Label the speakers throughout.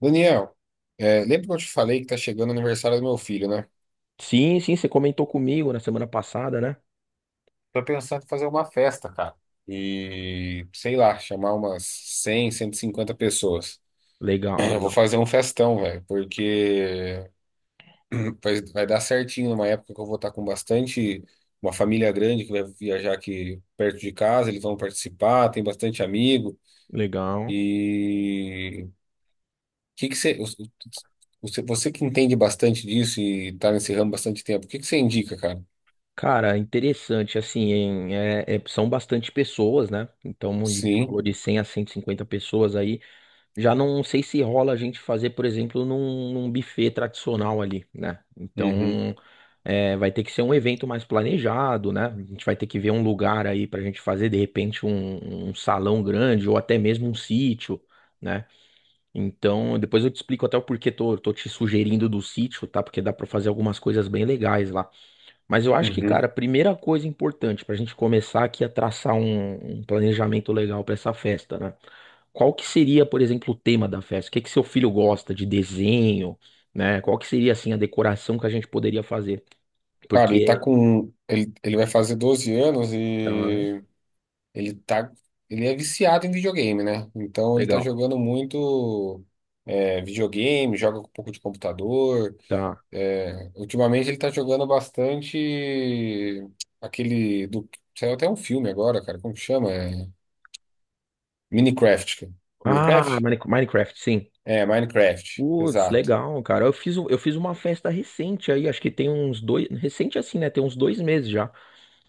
Speaker 1: Daniel, lembra que eu te falei que tá chegando o aniversário do meu filho, né?
Speaker 2: Sim, sim, você comentou comigo na semana passada, né?
Speaker 1: Tô pensando em fazer uma festa, cara. E, sei lá, chamar umas cem, cento e cinquenta pessoas.
Speaker 2: Legal,
Speaker 1: Eu vou
Speaker 2: legal,
Speaker 1: fazer um festão, velho, porque vai dar certinho numa época que eu vou estar com bastante, uma família grande que vai viajar aqui perto de casa, eles vão participar, tem bastante amigo.
Speaker 2: legal.
Speaker 1: E que que você, você que entende bastante disso e tá nesse ramo bastante tempo, o que que você indica, cara?
Speaker 2: Cara, interessante, assim, são bastante pessoas, né? Então, onde você
Speaker 1: Sim.
Speaker 2: falou de 100 a 150 pessoas aí, já não sei se rola a gente fazer, por exemplo, num buffet tradicional ali, né?
Speaker 1: Uhum,
Speaker 2: Então, vai ter que ser um evento mais planejado, né? A gente vai ter que ver um lugar aí pra gente fazer, de repente, um salão grande ou até mesmo um sítio, né? Então, depois eu te explico até o porquê tô te sugerindo do sítio, tá? Porque dá pra fazer algumas coisas bem legais lá. Mas eu acho que,
Speaker 1: uhum.
Speaker 2: cara, a primeira coisa importante pra gente começar aqui a traçar um planejamento legal pra essa festa, né? Qual que seria, por exemplo, o tema da festa? O que que seu filho gosta de desenho, né? Qual que seria, assim, a decoração que a gente poderia fazer?
Speaker 1: Cara, ele tá
Speaker 2: Porque,
Speaker 1: com. Ele vai fazer 12 anos
Speaker 2: tá,
Speaker 1: e ele tá. Ele é viciado em videogame, né? Então ele tá
Speaker 2: legal,
Speaker 1: jogando muito videogame, joga com um pouco de computador.
Speaker 2: tá.
Speaker 1: É, ultimamente ele tá jogando bastante aquele do. Saiu até um filme agora, cara. Como que chama? Minecraft.
Speaker 2: Ah,
Speaker 1: Minecraft?
Speaker 2: Minecraft, sim.
Speaker 1: É, Minecraft,
Speaker 2: Putz,
Speaker 1: exato.
Speaker 2: legal, cara. Eu fiz uma festa recente aí, acho que tem uns dois. Recente assim, né? Tem uns 2 meses já.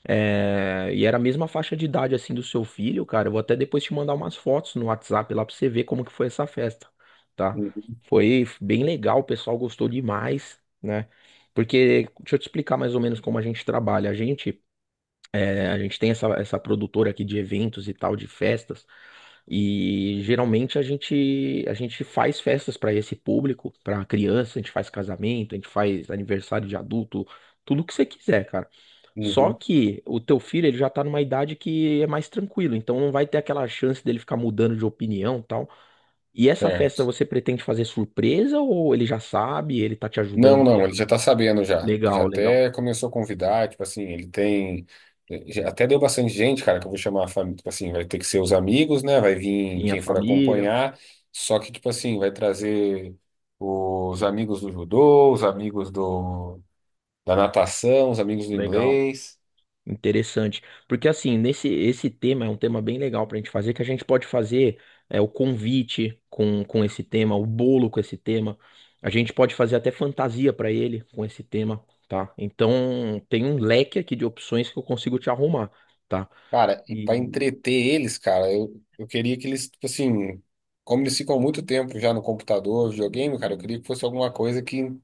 Speaker 2: É, e era a mesma faixa de idade assim do seu filho, cara. Eu vou até depois te mandar umas fotos no WhatsApp lá pra você ver como que foi essa festa, tá?
Speaker 1: Uhum,
Speaker 2: Foi bem legal, o pessoal gostou demais, né? Porque, deixa eu te explicar mais ou menos como a gente trabalha. A gente. É, a gente tem essa produtora aqui de eventos e tal, de festas, e geralmente a gente faz festas para esse público, para criança, a gente faz casamento, a gente faz aniversário de adulto, tudo que você quiser, cara. Só
Speaker 1: uhum.
Speaker 2: que o teu filho, ele já tá numa idade que é mais tranquilo, então não vai ter aquela chance dele ficar mudando de opinião e tal. E essa
Speaker 1: É.
Speaker 2: festa você pretende fazer surpresa ou ele já sabe, ele tá te
Speaker 1: Não,
Speaker 2: ajudando aí?
Speaker 1: não, ele
Speaker 2: Ó?
Speaker 1: já tá sabendo já. Já
Speaker 2: Legal, legal.
Speaker 1: até começou a convidar, tipo assim, ele tem. Já Até deu bastante gente, cara, que eu vou chamar a família. Tipo assim, vai ter que ser os amigos, né? Vai vir
Speaker 2: Sim, a
Speaker 1: quem for
Speaker 2: família,
Speaker 1: acompanhar. Só que, tipo assim, vai trazer os amigos do judô, da natação, os amigos do
Speaker 2: legal.
Speaker 1: inglês.
Speaker 2: Interessante. Porque assim, nesse esse tema é um tema bem legal pra gente fazer, que a gente pode fazer o convite com esse tema, o bolo com esse tema. A gente pode fazer até fantasia pra ele com esse tema, tá? Então tem um leque aqui de opções que eu consigo te arrumar, tá?
Speaker 1: Cara, e pra
Speaker 2: E
Speaker 1: entreter eles, cara, eu queria que eles, tipo assim, como eles ficam muito tempo já no computador, videogame, cara, eu queria que fosse alguma coisa que.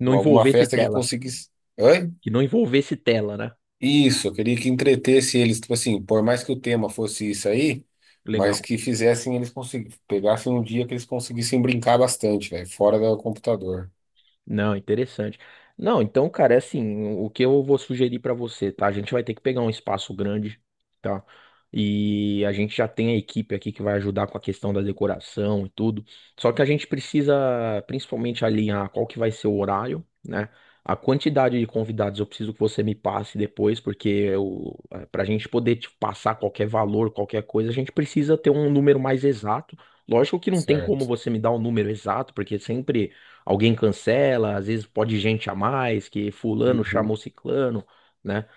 Speaker 2: não
Speaker 1: Alguma
Speaker 2: envolvesse
Speaker 1: festa que
Speaker 2: tela.
Speaker 1: conseguisse. Oi?
Speaker 2: Que não envolvesse tela, né?
Speaker 1: Isso, eu queria que entretesse eles, tipo assim, por mais que o tema fosse isso aí, mas
Speaker 2: Legal.
Speaker 1: que fizessem eles conseguir, pegassem um dia que eles conseguissem brincar bastante, velho, fora do computador.
Speaker 2: Não, interessante. Não, então, cara, é assim, o que eu vou sugerir pra você, tá? A gente vai ter que pegar um espaço grande, tá? E a gente já tem a equipe aqui que vai ajudar com a questão da decoração e tudo. Só que a gente precisa principalmente alinhar qual que vai ser o horário, né? A quantidade de convidados eu preciso que você me passe depois, porque pra gente poder te passar qualquer valor, qualquer coisa, a gente precisa ter um número mais exato. Lógico que não tem como
Speaker 1: Certo.
Speaker 2: você me dar o número exato, porque sempre alguém cancela, às vezes pode gente a mais, que fulano
Speaker 1: Uhum.
Speaker 2: chamou ciclano, né?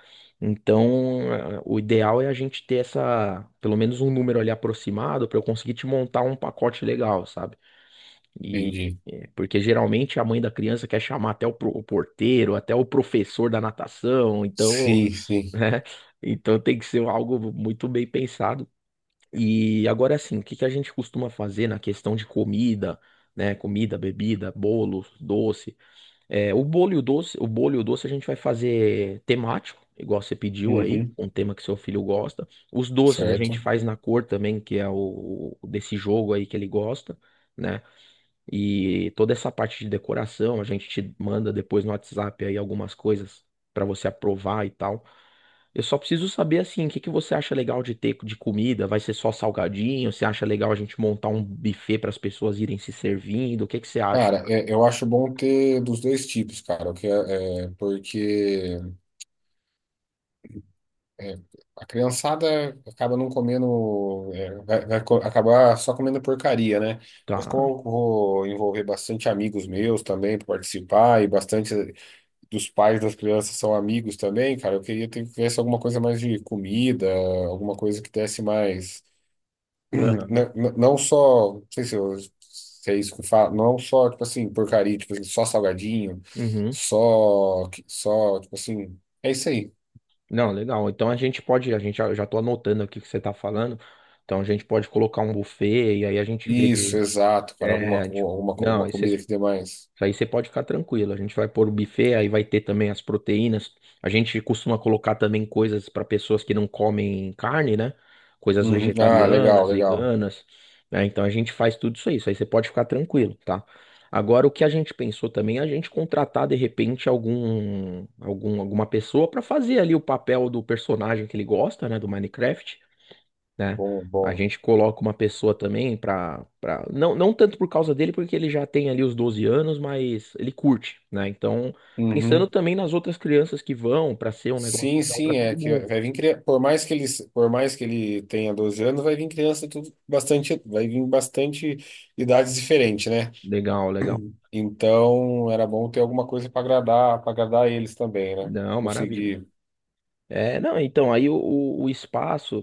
Speaker 2: Então, o ideal é a gente ter pelo menos um número ali aproximado para eu conseguir te montar um pacote legal, sabe? E
Speaker 1: Entendi.
Speaker 2: eh, porque geralmente a mãe da criança quer chamar até o porteiro, até o professor da natação, então,
Speaker 1: Sim, sim.
Speaker 2: né? Então tem que ser algo muito bem pensado. E agora assim, o que que a gente costuma fazer na questão de comida, né? Comida, bebida, bolo, doce. É, o bolo e o doce a gente vai fazer temático, igual você pediu aí,
Speaker 1: Uhum.
Speaker 2: um tema que seu filho gosta. Os doces a gente
Speaker 1: Certo.
Speaker 2: faz na cor também, que é o desse jogo aí que ele gosta, né? E toda essa parte de decoração, a gente te manda depois no WhatsApp aí algumas coisas pra você aprovar e tal. Eu só preciso saber assim, o que que você acha legal de ter de comida? Vai ser só salgadinho? Você acha legal a gente montar um buffet para as pessoas irem se servindo? O que que você acha?
Speaker 1: Cara, eu acho bom ter dos dois tipos, cara, o que é, é, porque é, a criançada acaba não comendo, é, acabar só comendo porcaria, né? Mas
Speaker 2: Tá.
Speaker 1: como eu vou envolver bastante amigos meus também para participar, e bastante dos pais das crianças são amigos também, cara, eu queria ter que tivesse alguma coisa mais de comida, alguma coisa que desse mais.
Speaker 2: Aham.
Speaker 1: Não sei se é isso que fala, não só, tipo assim, porcaria, tipo assim, só salgadinho,
Speaker 2: Uhum.
Speaker 1: tipo assim, é isso aí.
Speaker 2: Não, legal. Então a gente pode, a gente já, eu já tô anotando aqui o que você tá falando. Então a gente pode colocar um buffet e aí a gente vê
Speaker 1: Isso,
Speaker 2: de.
Speaker 1: exato, cara.
Speaker 2: É, tipo, não,
Speaker 1: Alguma
Speaker 2: aí você
Speaker 1: comida
Speaker 2: isso
Speaker 1: que dê mais.
Speaker 2: aí você pode ficar tranquilo. A gente vai pôr o buffet, aí vai ter também as proteínas. A gente costuma colocar também coisas para pessoas que não comem carne, né? Coisas
Speaker 1: Uhum. Ah, legal,
Speaker 2: vegetarianas,
Speaker 1: legal.
Speaker 2: veganas, né? Então a gente faz tudo isso aí. Isso aí você pode ficar tranquilo, tá? Agora, o que a gente pensou também é a gente contratar de repente alguma pessoa para fazer ali o papel do personagem que ele gosta, né? Do Minecraft, né?
Speaker 1: Bom,
Speaker 2: A
Speaker 1: bom.
Speaker 2: gente coloca uma pessoa também. Não, não tanto por causa dele, porque ele já tem ali os 12 anos, mas ele curte, né? Então, pensando
Speaker 1: Uhum.
Speaker 2: também nas outras crianças que vão, pra ser um negócio
Speaker 1: Sim,
Speaker 2: legal
Speaker 1: sim,
Speaker 2: pra
Speaker 1: é
Speaker 2: todo
Speaker 1: que
Speaker 2: mundo.
Speaker 1: vai vir criança. Por mais que ele tenha 12 anos, vai vir criança tudo bastante, vai vir bastante idades diferentes, né?
Speaker 2: Legal, legal.
Speaker 1: Então, era bom ter alguma coisa para agradar eles também, né?
Speaker 2: Não, maravilha.
Speaker 1: Conseguir.
Speaker 2: É, não, então, aí o espaço.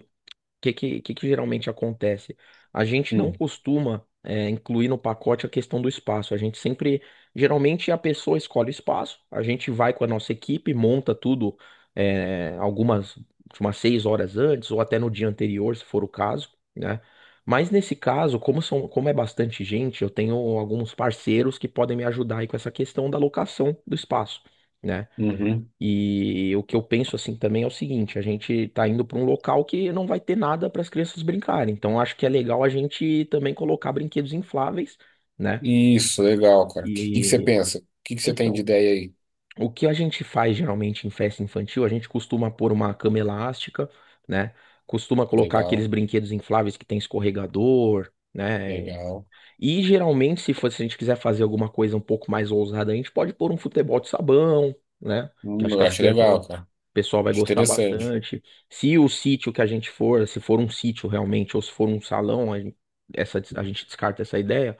Speaker 2: Que geralmente acontece? A gente não
Speaker 1: Hum,
Speaker 2: costuma incluir no pacote a questão do espaço. Geralmente a pessoa escolhe o espaço, a gente vai com a nossa equipe, monta tudo tipo, umas 6 horas antes ou até no dia anterior, se for o caso, né? Mas nesse caso, como é bastante gente, eu tenho alguns parceiros que podem me ajudar aí com essa questão da locação do espaço. Né?
Speaker 1: Uhum.
Speaker 2: E o que eu penso assim também é o seguinte, a gente tá indo para um local que não vai ter nada para as crianças brincarem. Então acho que é legal a gente também colocar brinquedos infláveis, né?
Speaker 1: Isso, legal, cara. O que, que você
Speaker 2: E
Speaker 1: pensa? O que, que você tem de
Speaker 2: então,
Speaker 1: ideia aí?
Speaker 2: o que a gente faz geralmente em festa infantil, a gente costuma pôr uma cama elástica, né? Costuma colocar aqueles
Speaker 1: Legal,
Speaker 2: brinquedos infláveis que tem escorregador, né?
Speaker 1: legal.
Speaker 2: E geralmente, se a gente quiser fazer alguma coisa um pouco mais ousada, a gente pode pôr um futebol de sabão, né? Que acho
Speaker 1: Eu
Speaker 2: que
Speaker 1: acho legal,
Speaker 2: o
Speaker 1: cara.
Speaker 2: pessoal vai gostar
Speaker 1: Interessante.
Speaker 2: bastante. Se o sítio que a gente for, se for um sítio realmente, ou se for um salão, a gente descarta essa ideia.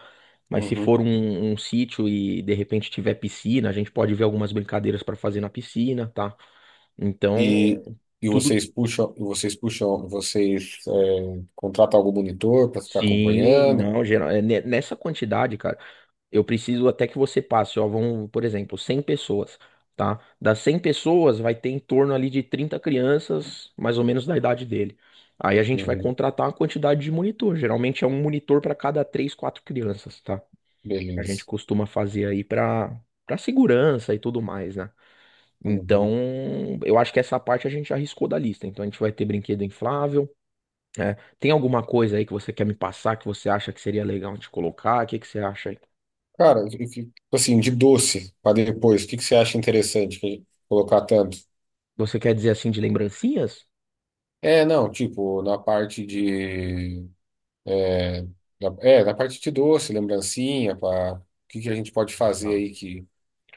Speaker 2: Mas se for
Speaker 1: Uhum.
Speaker 2: um sítio e de repente tiver piscina, a gente pode ver algumas brincadeiras para fazer na piscina, tá? Então,
Speaker 1: E,
Speaker 2: tudo.
Speaker 1: e vocês puxam, vocês é, contratam algum monitor para ficar
Speaker 2: Sim,
Speaker 1: acompanhando?
Speaker 2: não, nessa quantidade, cara. Eu preciso até que você passe, ó, vão, por exemplo, 100 pessoas, tá? Das 100 pessoas vai ter em torno ali de 30 crianças, mais ou menos da idade dele. Aí a gente vai
Speaker 1: Uhum.
Speaker 2: contratar uma quantidade de monitor, geralmente é um monitor para cada 3, 4 crianças, tá? A gente
Speaker 1: Beleza.
Speaker 2: costuma fazer aí para segurança e tudo mais, né? Então,
Speaker 1: Uhum.
Speaker 2: eu acho que essa parte a gente já arriscou da lista. Então a gente vai ter brinquedo inflável, né? Tem alguma coisa aí que você quer me passar que você acha que seria legal de colocar? O que que você acha aí?
Speaker 1: Cara, tipo assim, de doce para depois, o que que você acha interessante que- colocar tanto?
Speaker 2: Você quer dizer assim de lembrancinhas?
Speaker 1: É, não, tipo, na parte de. É, na parte de doce, lembrancinha, para o que que a gente pode fazer
Speaker 2: Não.
Speaker 1: aí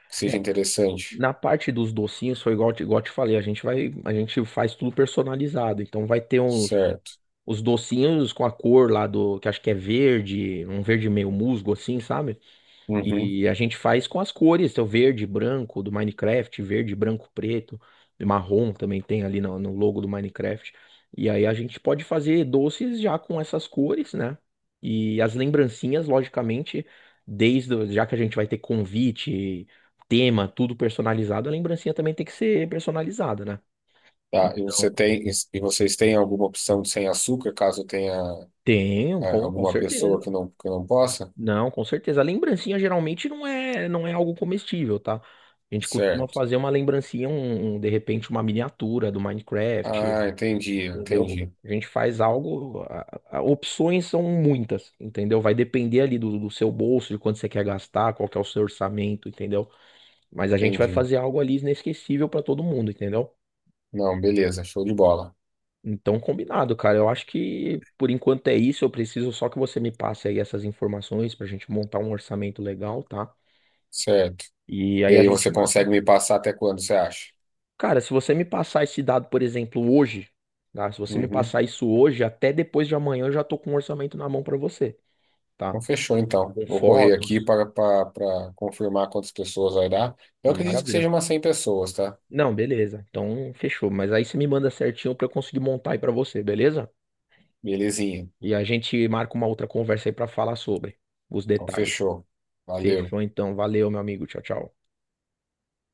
Speaker 1: que seja
Speaker 2: É,
Speaker 1: interessante,
Speaker 2: na parte dos docinhos foi igual eu te falei, a gente faz tudo personalizado. Então vai ter uns
Speaker 1: certo?
Speaker 2: os docinhos com a cor lá do, que acho que é verde, um verde meio musgo assim, sabe?
Speaker 1: Uhum.
Speaker 2: E a gente faz com as cores, tem o verde, branco do Minecraft, verde, branco, preto, e marrom também tem ali no logo do Minecraft. E aí a gente pode fazer doces já com essas cores, né? E as lembrancinhas, logicamente, já que a gente vai ter convite, tema, tudo personalizado, a lembrancinha também tem que ser personalizada, né?
Speaker 1: Tá, e você
Speaker 2: Então,
Speaker 1: tem, e vocês têm alguma opção de sem açúcar, caso tenha
Speaker 2: tem, com
Speaker 1: alguma pessoa
Speaker 2: certeza.
Speaker 1: que não possa?
Speaker 2: Não, com certeza. A lembrancinha geralmente não é algo comestível, tá? A gente costuma
Speaker 1: Certo.
Speaker 2: fazer uma lembrancinha, de repente uma miniatura do Minecraft,
Speaker 1: Ah,
Speaker 2: entendeu? A gente faz algo, opções são muitas, entendeu? Vai depender ali do seu bolso, de quanto você quer gastar, qual que é o seu orçamento, entendeu? Mas a gente vai
Speaker 1: entendi.
Speaker 2: fazer algo ali inesquecível pra todo mundo, entendeu?
Speaker 1: Não, beleza, show de bola.
Speaker 2: Então, combinado, cara. Eu acho que por enquanto é isso. Eu preciso só que você me passe aí essas informações pra gente montar um orçamento legal, tá?
Speaker 1: Certo.
Speaker 2: E
Speaker 1: E
Speaker 2: aí a
Speaker 1: aí
Speaker 2: gente
Speaker 1: você
Speaker 2: marca.
Speaker 1: consegue me passar até quando, você acha?
Speaker 2: Cara, se você me passar esse dado, por exemplo, hoje, tá? Se você me
Speaker 1: Uhum.
Speaker 2: passar isso hoje, até depois de amanhã eu já tô com um orçamento na mão pra você, tá?
Speaker 1: Então fechou, então.
Speaker 2: Com
Speaker 1: Vou correr aqui
Speaker 2: fotos.
Speaker 1: para confirmar quantas pessoas vai dar. Eu acredito que
Speaker 2: Maravilha.
Speaker 1: seja umas 100 pessoas, tá?
Speaker 2: Não, beleza. Então, fechou. Mas aí você me manda certinho pra eu conseguir montar aí pra você, beleza?
Speaker 1: Belezinha.
Speaker 2: E a gente marca uma outra conversa aí pra falar sobre os
Speaker 1: Então
Speaker 2: detalhes.
Speaker 1: fechou. Valeu.
Speaker 2: Fechou então. Valeu, meu amigo. Tchau, tchau.